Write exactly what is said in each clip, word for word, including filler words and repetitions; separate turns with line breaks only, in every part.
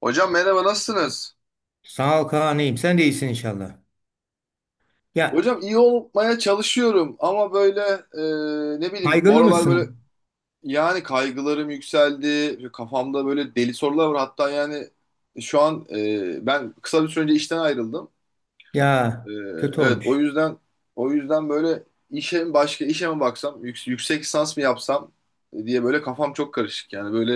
Hocam merhaba nasılsınız?
Sağ ol Kaan'ım. Sen de iyisin inşallah. Ya,
Hocam iyi olmaya çalışıyorum ama böyle e, ne bileyim bu
kaygılı
aralar böyle
mısın?
yani kaygılarım yükseldi. Kafamda böyle deli sorular var. Hatta yani şu an e, ben kısa bir süre önce işten ayrıldım.
Ya,
E,
kötü
evet, o
olmuş.
yüzden o yüzden böyle işe mi başka işe mi baksam yüks- yüksek lisans mı yapsam diye böyle kafam çok karışık. Yani böyle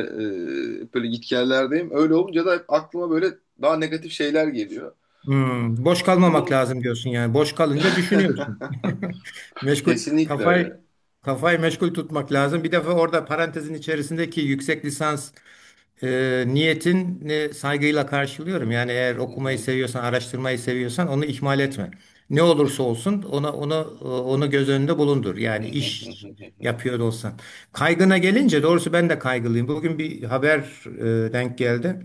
e, böyle gitgellerdeyim. Öyle olunca da hep aklıma böyle daha negatif şeyler geliyor.
Hmm, boş
İşte
kalmamak
bunun
lazım diyorsun yani. Boş kalınca düşünüyorsun. Meşgul
kesinlikle öyle.
kafayı kafayı meşgul tutmak lazım. Bir defa orada parantezin içerisindeki yüksek lisans e, niyetini saygıyla karşılıyorum. Yani eğer
Hı.
okumayı
Hı
seviyorsan, araştırmayı seviyorsan onu ihmal etme. Ne olursa olsun ona onu e, onu göz önünde bulundur.
hı,
Yani
hı
iş
hı, hı
yapıyor da olsan. Kaygına gelince doğrusu ben de kaygılıyım. Bugün bir haber e, denk geldi.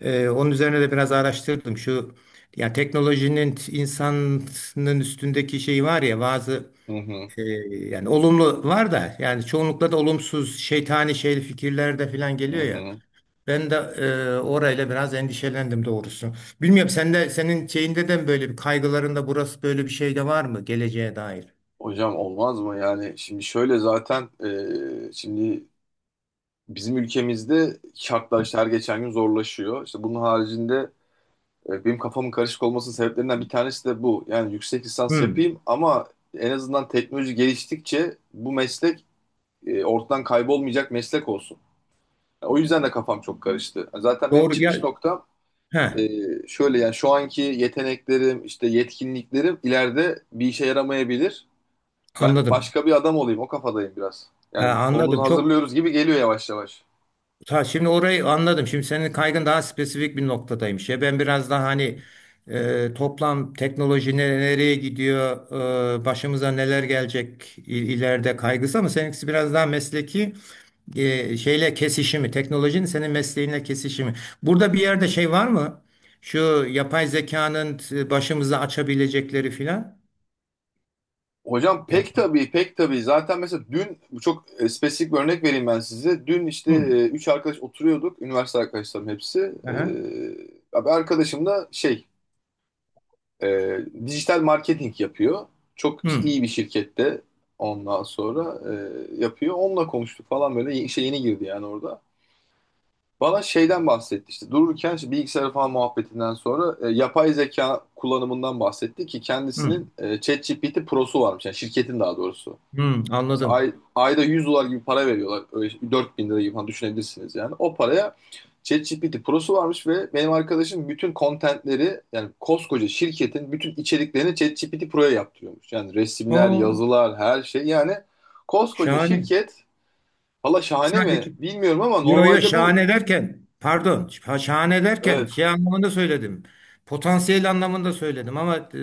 Ee, onun üzerine de biraz araştırdım. Şu, yani teknolojinin insanın üstündeki şeyi var ya, bazı
hı, hı
e, yani olumlu var da yani çoğunlukla da olumsuz şeytani şey fikirler de falan
hı,
geliyor
hı
ya.
hı.
Ben de e, orayla biraz endişelendim doğrusu. Bilmiyorum, sen de senin şeyinde de böyle bir kaygılarında burası böyle bir şey de var mı geleceğe dair?
Hocam olmaz mı? Yani şimdi şöyle zaten e, şimdi bizim ülkemizde şartlar işte her geçen gün zorlaşıyor. İşte bunun haricinde e, benim kafamın karışık olmasının sebeplerinden bir tanesi de bu. Yani yüksek lisans
Hmm.
yapayım ama en azından teknoloji geliştikçe bu meslek e, ortadan kaybolmayacak meslek olsun. O yüzden de kafam çok karıştı. Yani Zaten benim
Doğru
çıkış
ya.
noktam e,
He,
şöyle yani şu anki yeteneklerim, işte yetkinliklerim ileride bir işe yaramayabilir. Ben
anladım.
başka bir adam olayım, o kafadayım biraz.
Ha,
Yani solumuzu
anladım. Çok
hazırlıyoruz gibi geliyor yavaş yavaş.
Ta şimdi orayı anladım. Şimdi senin kaygın daha spesifik bir noktadaymış. Ya, ben biraz daha hani e, toplam teknoloji ne- nereye gidiyor, e, başımıza neler gelecek, i- ileride kaygısı, ama seninkisi biraz daha mesleki e, şeyle kesişimi, teknolojinin senin mesleğinle kesişimi. Burada bir yerde şey var mı? Şu yapay zekanın e, başımıza açabilecekleri filan.
Hocam pek
Yani-
tabii, pek tabii. Zaten mesela dün bu çok e, spesifik bir örnek vereyim ben size. Dün işte
Hı,
e, üç arkadaş oturuyorduk. Üniversite arkadaşlarım hepsi. E,
aha,
abi, arkadaşım da şey e, dijital marketing yapıyor. Çok işte
hı,
iyi bir şirkette ondan sonra e, yapıyor. Onunla konuştuk falan, böyle işe yeni girdi yani orada. Bana şeyden bahsetti, işte dururken işte bilgisayar falan muhabbetinden sonra e, yapay zeka kullanımından bahsetti ki
hı,
kendisinin e, ChatGPT Pro'su varmış yani şirketin daha doğrusu.
hı,
İşte ay,
anladım.
ayda yüz dolar gibi para veriyorlar, öyle şey, dört bin lira gibi falan düşünebilirsiniz yani. O paraya ChatGPT Pro'su varmış ve benim arkadaşım bütün contentleri yani koskoca şirketin bütün içeriklerini ChatGPT Pro'ya yaptırıyormuş. Yani resimler,
O
yazılar, her şey yani, koskoca
şahane.
şirket. Valla şahane mi
Sadece.
bilmiyorum ama
Yo, yo,
normalde bu
şahane derken pardon, şa- şahane derken
evet.
şey anlamında söyledim. Potansiyel anlamında söyledim ama e,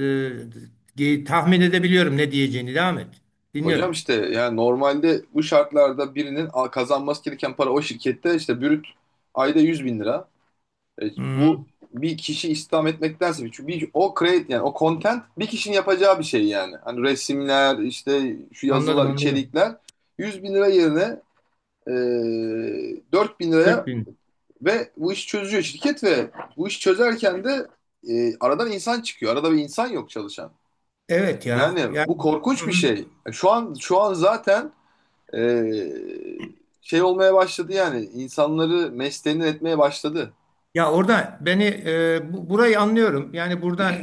ge- tahmin edebiliyorum ne diyeceğini. Devam et.
Hocam
Dinliyorum.
işte yani normalde bu şartlarda birinin a- kazanması gereken para o şirkette işte brüt ayda yüz bin lira. E,
Hı hı.
bu bir kişi istihdam etmektense, çünkü bir, o create yani o content bir kişinin yapacağı bir şey yani. Hani resimler işte, şu
Anladım,
yazılar,
anladım.
içerikler, yüz bin lira yerine e, dört bin
dört
liraya
bin.
ve bu işi çözüyor şirket ve bu işi çözerken de e, aradan insan çıkıyor. Arada bir insan yok çalışan.
Evet ya.
Yani
Yani
bu
Hı
korkunç bir
hı.
şey. Şu an şu an zaten e, şey olmaya başladı, yani insanları meştenir etmeye başladı.
Ya orada beni e, bu- burayı anlıyorum. Yani burada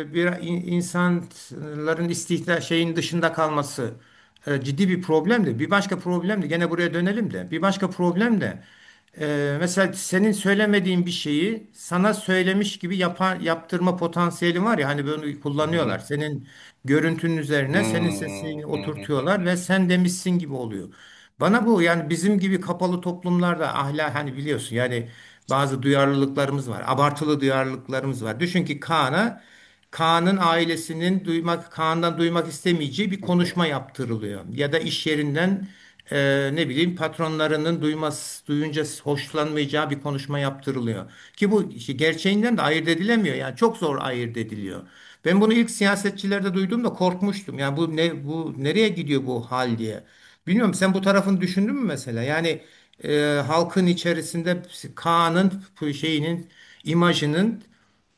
e, bir in- insanların istihdam şeyin dışında kalması e, ciddi bir problem de. Bir başka problem de, gene buraya dönelim de. Bir başka problem de e, mesela senin söylemediğin bir şeyi sana söylemiş gibi yapan, yaptırma potansiyeli var ya, hani bunu
Hı
kullanıyorlar.
hı.
Senin görüntünün üzerine senin
Hmm,
sesini
hı hı,
oturtuyorlar ve
hı
sen demişsin gibi oluyor. Bana bu, yani bizim gibi kapalı toplumlarda ahlak, hani biliyorsun yani bazı duyarlılıklarımız var. Abartılı duyarlılıklarımız var. Düşün ki Kaan'a Kaan'ın ailesinin duymak Kaan'dan duymak istemeyeceği bir
hı, hı
konuşma yaptırılıyor. Ya da iş yerinden e, ne bileyim patronlarının duyması duyunca hoşlanmayacağı bir konuşma yaptırılıyor. Ki bu işi gerçeğinden de ayırt edilemiyor. Yani çok zor ayırt ediliyor. Ben bunu ilk siyasetçilerde duyduğumda korkmuştum. Yani bu ne, bu nereye gidiyor bu hal diye. Bilmiyorum, sen bu tarafını düşündün mü mesela? Yani e, halkın içerisinde Kaan'ın bu şeyinin, imajının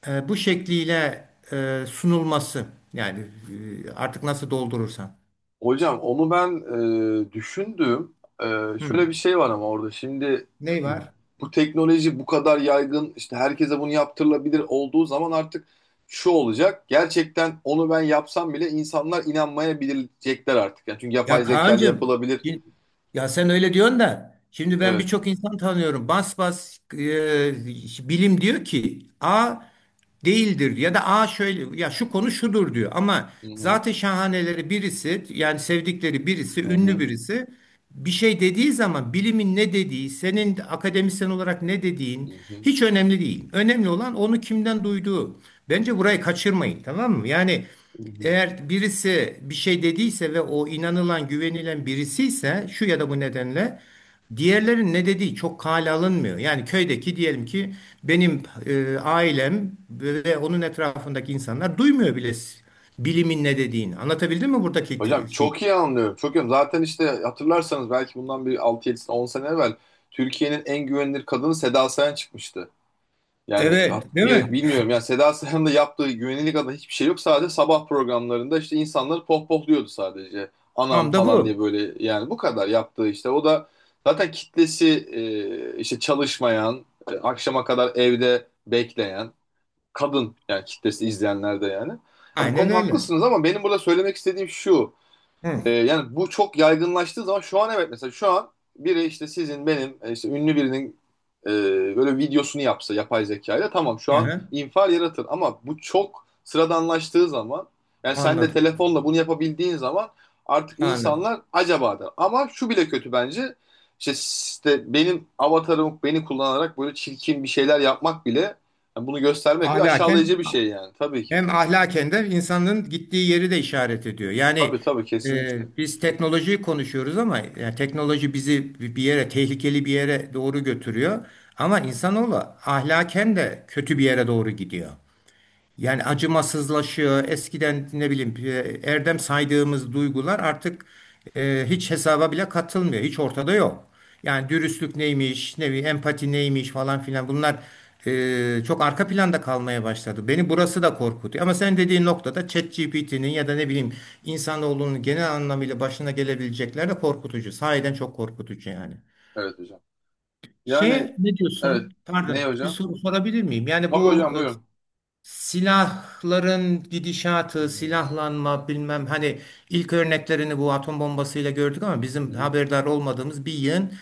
e, bu şekliyle e, sunulması. Yani e, artık nasıl doldurursan.
Hocam onu ben e, düşündüm. E,
Hı.
şöyle bir şey var ama orada şimdi
Ne var?
bu teknoloji bu kadar yaygın, işte herkese bunu yaptırılabilir olduğu zaman artık şu olacak. Gerçekten onu ben yapsam bile insanlar inanmayabilecekler artık. Yani çünkü
Ya
yapay zeka ile
Kaan'cığım,
yapılabilir.
şi- ya sen öyle diyorsun da, şimdi ben
Evet.
birçok insan tanıyorum. Bas bas e, bilim diyor ki A değildir, ya da A şöyle ya şu konu şudur diyor. Ama
Hı hı,
zaten şahaneleri birisi, yani sevdikleri birisi,
hı
ünlü
hı,
birisi bir şey dediği zaman bilimin ne dediği, senin akademisyen olarak ne
hı
dediğin
hı,
hiç önemli değil. Önemli olan onu kimden duyduğu. Bence burayı kaçırmayın, tamam mı? Yani
hı hı.
eğer birisi bir şey dediyse ve o inanılan, güvenilen birisi ise şu ya da bu nedenle, diğerlerin ne dediği çok kale alınmıyor. Yani köydeki, diyelim ki benim e, ailem ve onun etrafındaki insanlar duymuyor bile bilimin ne dediğini. Anlatabildim mi buradaki
Hocam
t- şeyi?
çok iyi anlıyorum. Çok iyi. anlıyorum. Zaten işte hatırlarsanız belki bundan bir altı yedi on 10 sene evvel Türkiye'nin en güvenilir kadını Seda Sayan çıkmıştı. Yani ha-
Evet, değil
bir,
mi?
bilmiyorum yani Seda Sayan'ın da yaptığı güvenilir adına hiçbir şey yok. Sadece sabah programlarında işte insanları pohpohluyordu sadece. Anam
Tam da
falan diye,
bu.
böyle yani bu kadar yaptığı işte. O da zaten kitlesi e, işte çalışmayan, e, akşama kadar evde bekleyen kadın yani, kitlesi izleyenler de yani. Ya bu
Aynen
konuda
öyle.
haklısınız ama benim burada söylemek istediğim şu.
Hı.
Ee, yani bu çok yaygınlaştığı zaman, şu an evet, mesela şu an biri işte sizin, benim e, işte ünlü birinin e, böyle videosunu yapsa yapay zekayla, tamam şu an
Aha,
infial yaratır ama bu çok sıradanlaştığı zaman, yani sen de
anladım.
telefonla bunu yapabildiğin zaman artık
Anladım.
insanlar acaba der. Ama şu bile kötü bence, işte, işte benim avatarım beni kullanarak böyle çirkin bir şeyler yapmak bile, yani bunu göstermek bir aşağılayıcı
Ahlaken
bir şey yani tabii ki.
Hem ahlaken de insanın gittiği yeri de işaret ediyor.
Tabii,
Yani
tabii, kesinlikle.
e, biz teknolojiyi konuşuyoruz ama yani teknoloji bizi bir yere, tehlikeli bir yere doğru götürüyor. Ama insanoğlu ahlaken de kötü bir yere doğru gidiyor. Yani acımasızlaşıyor. Eskiden ne bileyim e, erdem saydığımız duygular artık e, hiç hesaba bile katılmıyor. Hiç ortada yok. Yani dürüstlük neymiş, ne bileyim empati neymiş, falan filan, bunlar e, çok arka planda kalmaya başladı. Beni burası da korkutuyor. Ama sen dediğin noktada ChatGPT'nin, ya da ne bileyim insanoğlunun genel anlamıyla başına gelebilecekler de korkutucu. Sahiden çok korkutucu yani.
Evet hocam. Yani
Şey Ne diyorsun?
evet. Ne
Pardon, bir
hocam?
soru sorabilir miyim? Yani
Tabii
bu
hocam,
e,
buyurun.
Silahların gidişatı,
Hmm.
silahlanma, bilmem, hani ilk örneklerini bu atom bombasıyla gördük ama
Hı
bizim
hı,
haberdar olmadığımız bir yığın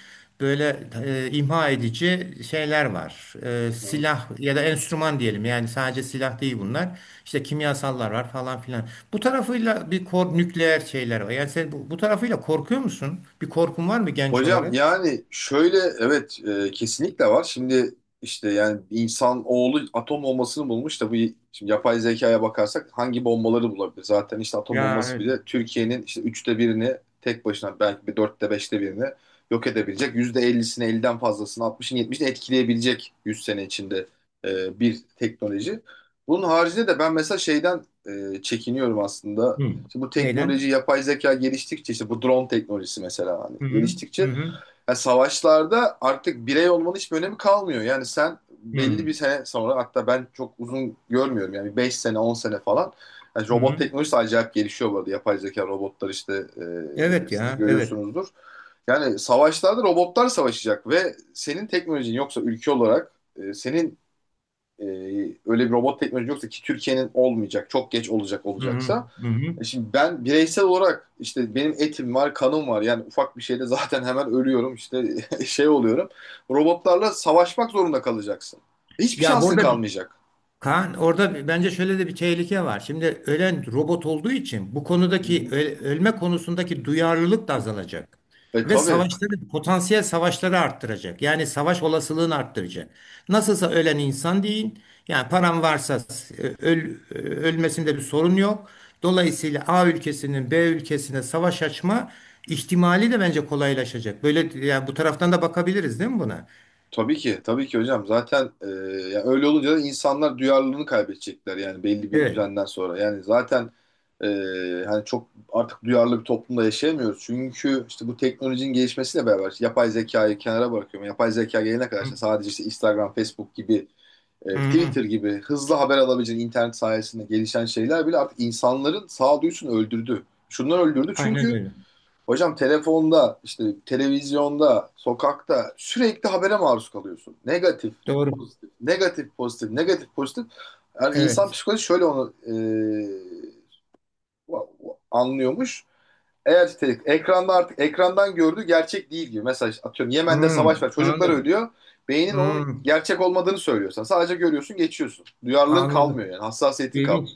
böyle e, imha edici şeyler var.
hı
E,
hı.
silah ya da enstrüman diyelim, yani sadece silah değil bunlar. İşte kimyasallar var falan filan. Bu tarafıyla bir kor nükleer şeyler var. Yani sen bu, bu, tarafıyla korkuyor musun? Bir korkun var mı genç
Hocam
olarak?
yani şöyle, evet, e, kesinlikle var. Şimdi işte yani insan oğlu atom bombasını bulmuş da bu, şimdi yapay zekaya bakarsak hangi bombaları bulabilir? Zaten işte atom
Ya,
bombası
evet.
bile Türkiye'nin işte üçte birini tek başına, belki bir dörtte beşte birini yok edebilecek. Yüzde ellisini, elliden fazlasını, altmışını, yetmişini etkileyebilecek yüz sene içinde e, bir teknoloji. Bunun haricinde de ben mesela şeyden e, çekiniyorum aslında.
Hı.
İşte bu teknoloji,
Neyden?
yapay zeka geliştikçe, işte bu drone teknolojisi mesela, hani
Hı hı. Hı
geliştikçe
hı.
yani savaşlarda artık birey olmanın hiçbir önemi kalmıyor. Yani sen
Hı
belli
hı.
bir sene sonra, hatta ben çok uzun görmüyorum yani, beş sene on sene falan, yani robot teknolojisi acayip gelişiyor bu arada. Yapay zeka robotlar işte, e,
Evet
siz de
ya, evet.
görüyorsunuzdur. Yani savaşlarda robotlar savaşacak ve senin teknolojin yoksa ülke olarak, e, senin e, öyle bir robot teknolojin yoksa ki Türkiye'nin olmayacak, çok geç olacak
Hı hı,
olacaksa.
hı hı.
e Şimdi ben bireysel olarak işte benim etim var, kanım var. Yani ufak bir şeyde zaten hemen ölüyorum, işte şey oluyorum. Robotlarla savaşmak zorunda kalacaksın. Hiçbir
Ya
şansın
burada bir-
kalmayacak.
Kaan, orada bir- bence şöyle de bir tehlike var. Şimdi ölen robot olduğu için bu
Hı
konudaki
hı.
ö- ölme konusundaki duyarlılık da azalacak.
E
Ve
tabii.
savaşları, potansiyel savaşları arttıracak. Yani savaş olasılığını arttıracak. Nasılsa ölen insan değil. Yani paran varsa s- öl, e, ölmesinde bir sorun yok. Dolayısıyla A ülkesinin B ülkesine savaş açma ihtimali de bence kolaylaşacak. Böyle, yani bu taraftan da bakabiliriz değil mi buna?
Tabii ki. Tabii ki hocam. Zaten e, yani öyle olunca da insanlar duyarlılığını kaybedecekler yani belli bir
Evet.
düzenden sonra. Yani zaten e, hani çok artık duyarlı bir toplumda yaşayamıyoruz. Çünkü işte bu teknolojinin gelişmesiyle beraber, işte yapay zekayı kenara bırakıyorum. Yapay zeka gelene kadar işte sadece işte Instagram, Facebook gibi, e, Twitter
Hmm,
gibi hızlı haber alabileceğin internet sayesinde gelişen şeyler bile artık insanların sağduyusunu öldürdü. Şundan öldürdü
aynen
çünkü
öyle.
hocam, telefonda, işte televizyonda, sokakta sürekli habere maruz kalıyorsun. Negatif,
Doğru.
pozitif, negatif, pozitif, negatif, pozitif. Yani insan
Evet.
psikolojisi şöyle onu e, anlıyormuş. Eğer te- ekranda, artık ekrandan gördüğü gerçek değil gibi. Mesela işte atıyorum Yemen'de savaş
Hmm,
var, çocuklar
anladım.
ölüyor. Beynin onun
Hmm,
gerçek olmadığını söylüyorsan sadece görüyorsun, geçiyorsun. Duyarlılığın kalmıyor
anladım.
yani, hassasiyetin
İlginç.
kalmıyor.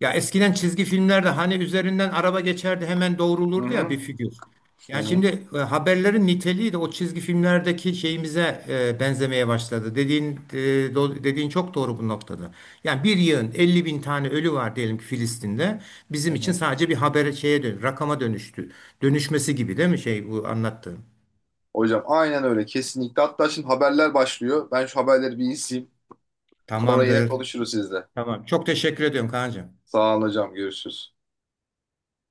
Ya eskiden çizgi filmlerde hani üzerinden araba geçerdi hemen
Hı
doğrulurdu ya bir
hı,
figür.
hı
Yani
hı,
şimdi e, haberlerin niteliği de o çizgi filmlerdeki şeyimize e, benzemeye başladı. Dediğin e, do- dediğin çok doğru bu noktada. Yani bir yığın elli bin tane ölü var diyelim ki Filistin'de.
hı
Bizim için
hı.
sadece bir habere, şeye, dön, rakama dönüştü. Dönüşmesi gibi değil mi şey bu anlattığın?
Hocam aynen öyle, kesinlikle. Hatta şimdi haberler başlıyor. Ben şu haberleri bir izleyeyim. Sonra yine
Tamamdır.
konuşuruz sizle.
Tamam. Çok teşekkür ediyorum Kaan'cığım.
Sağ olun hocam, görüşürüz.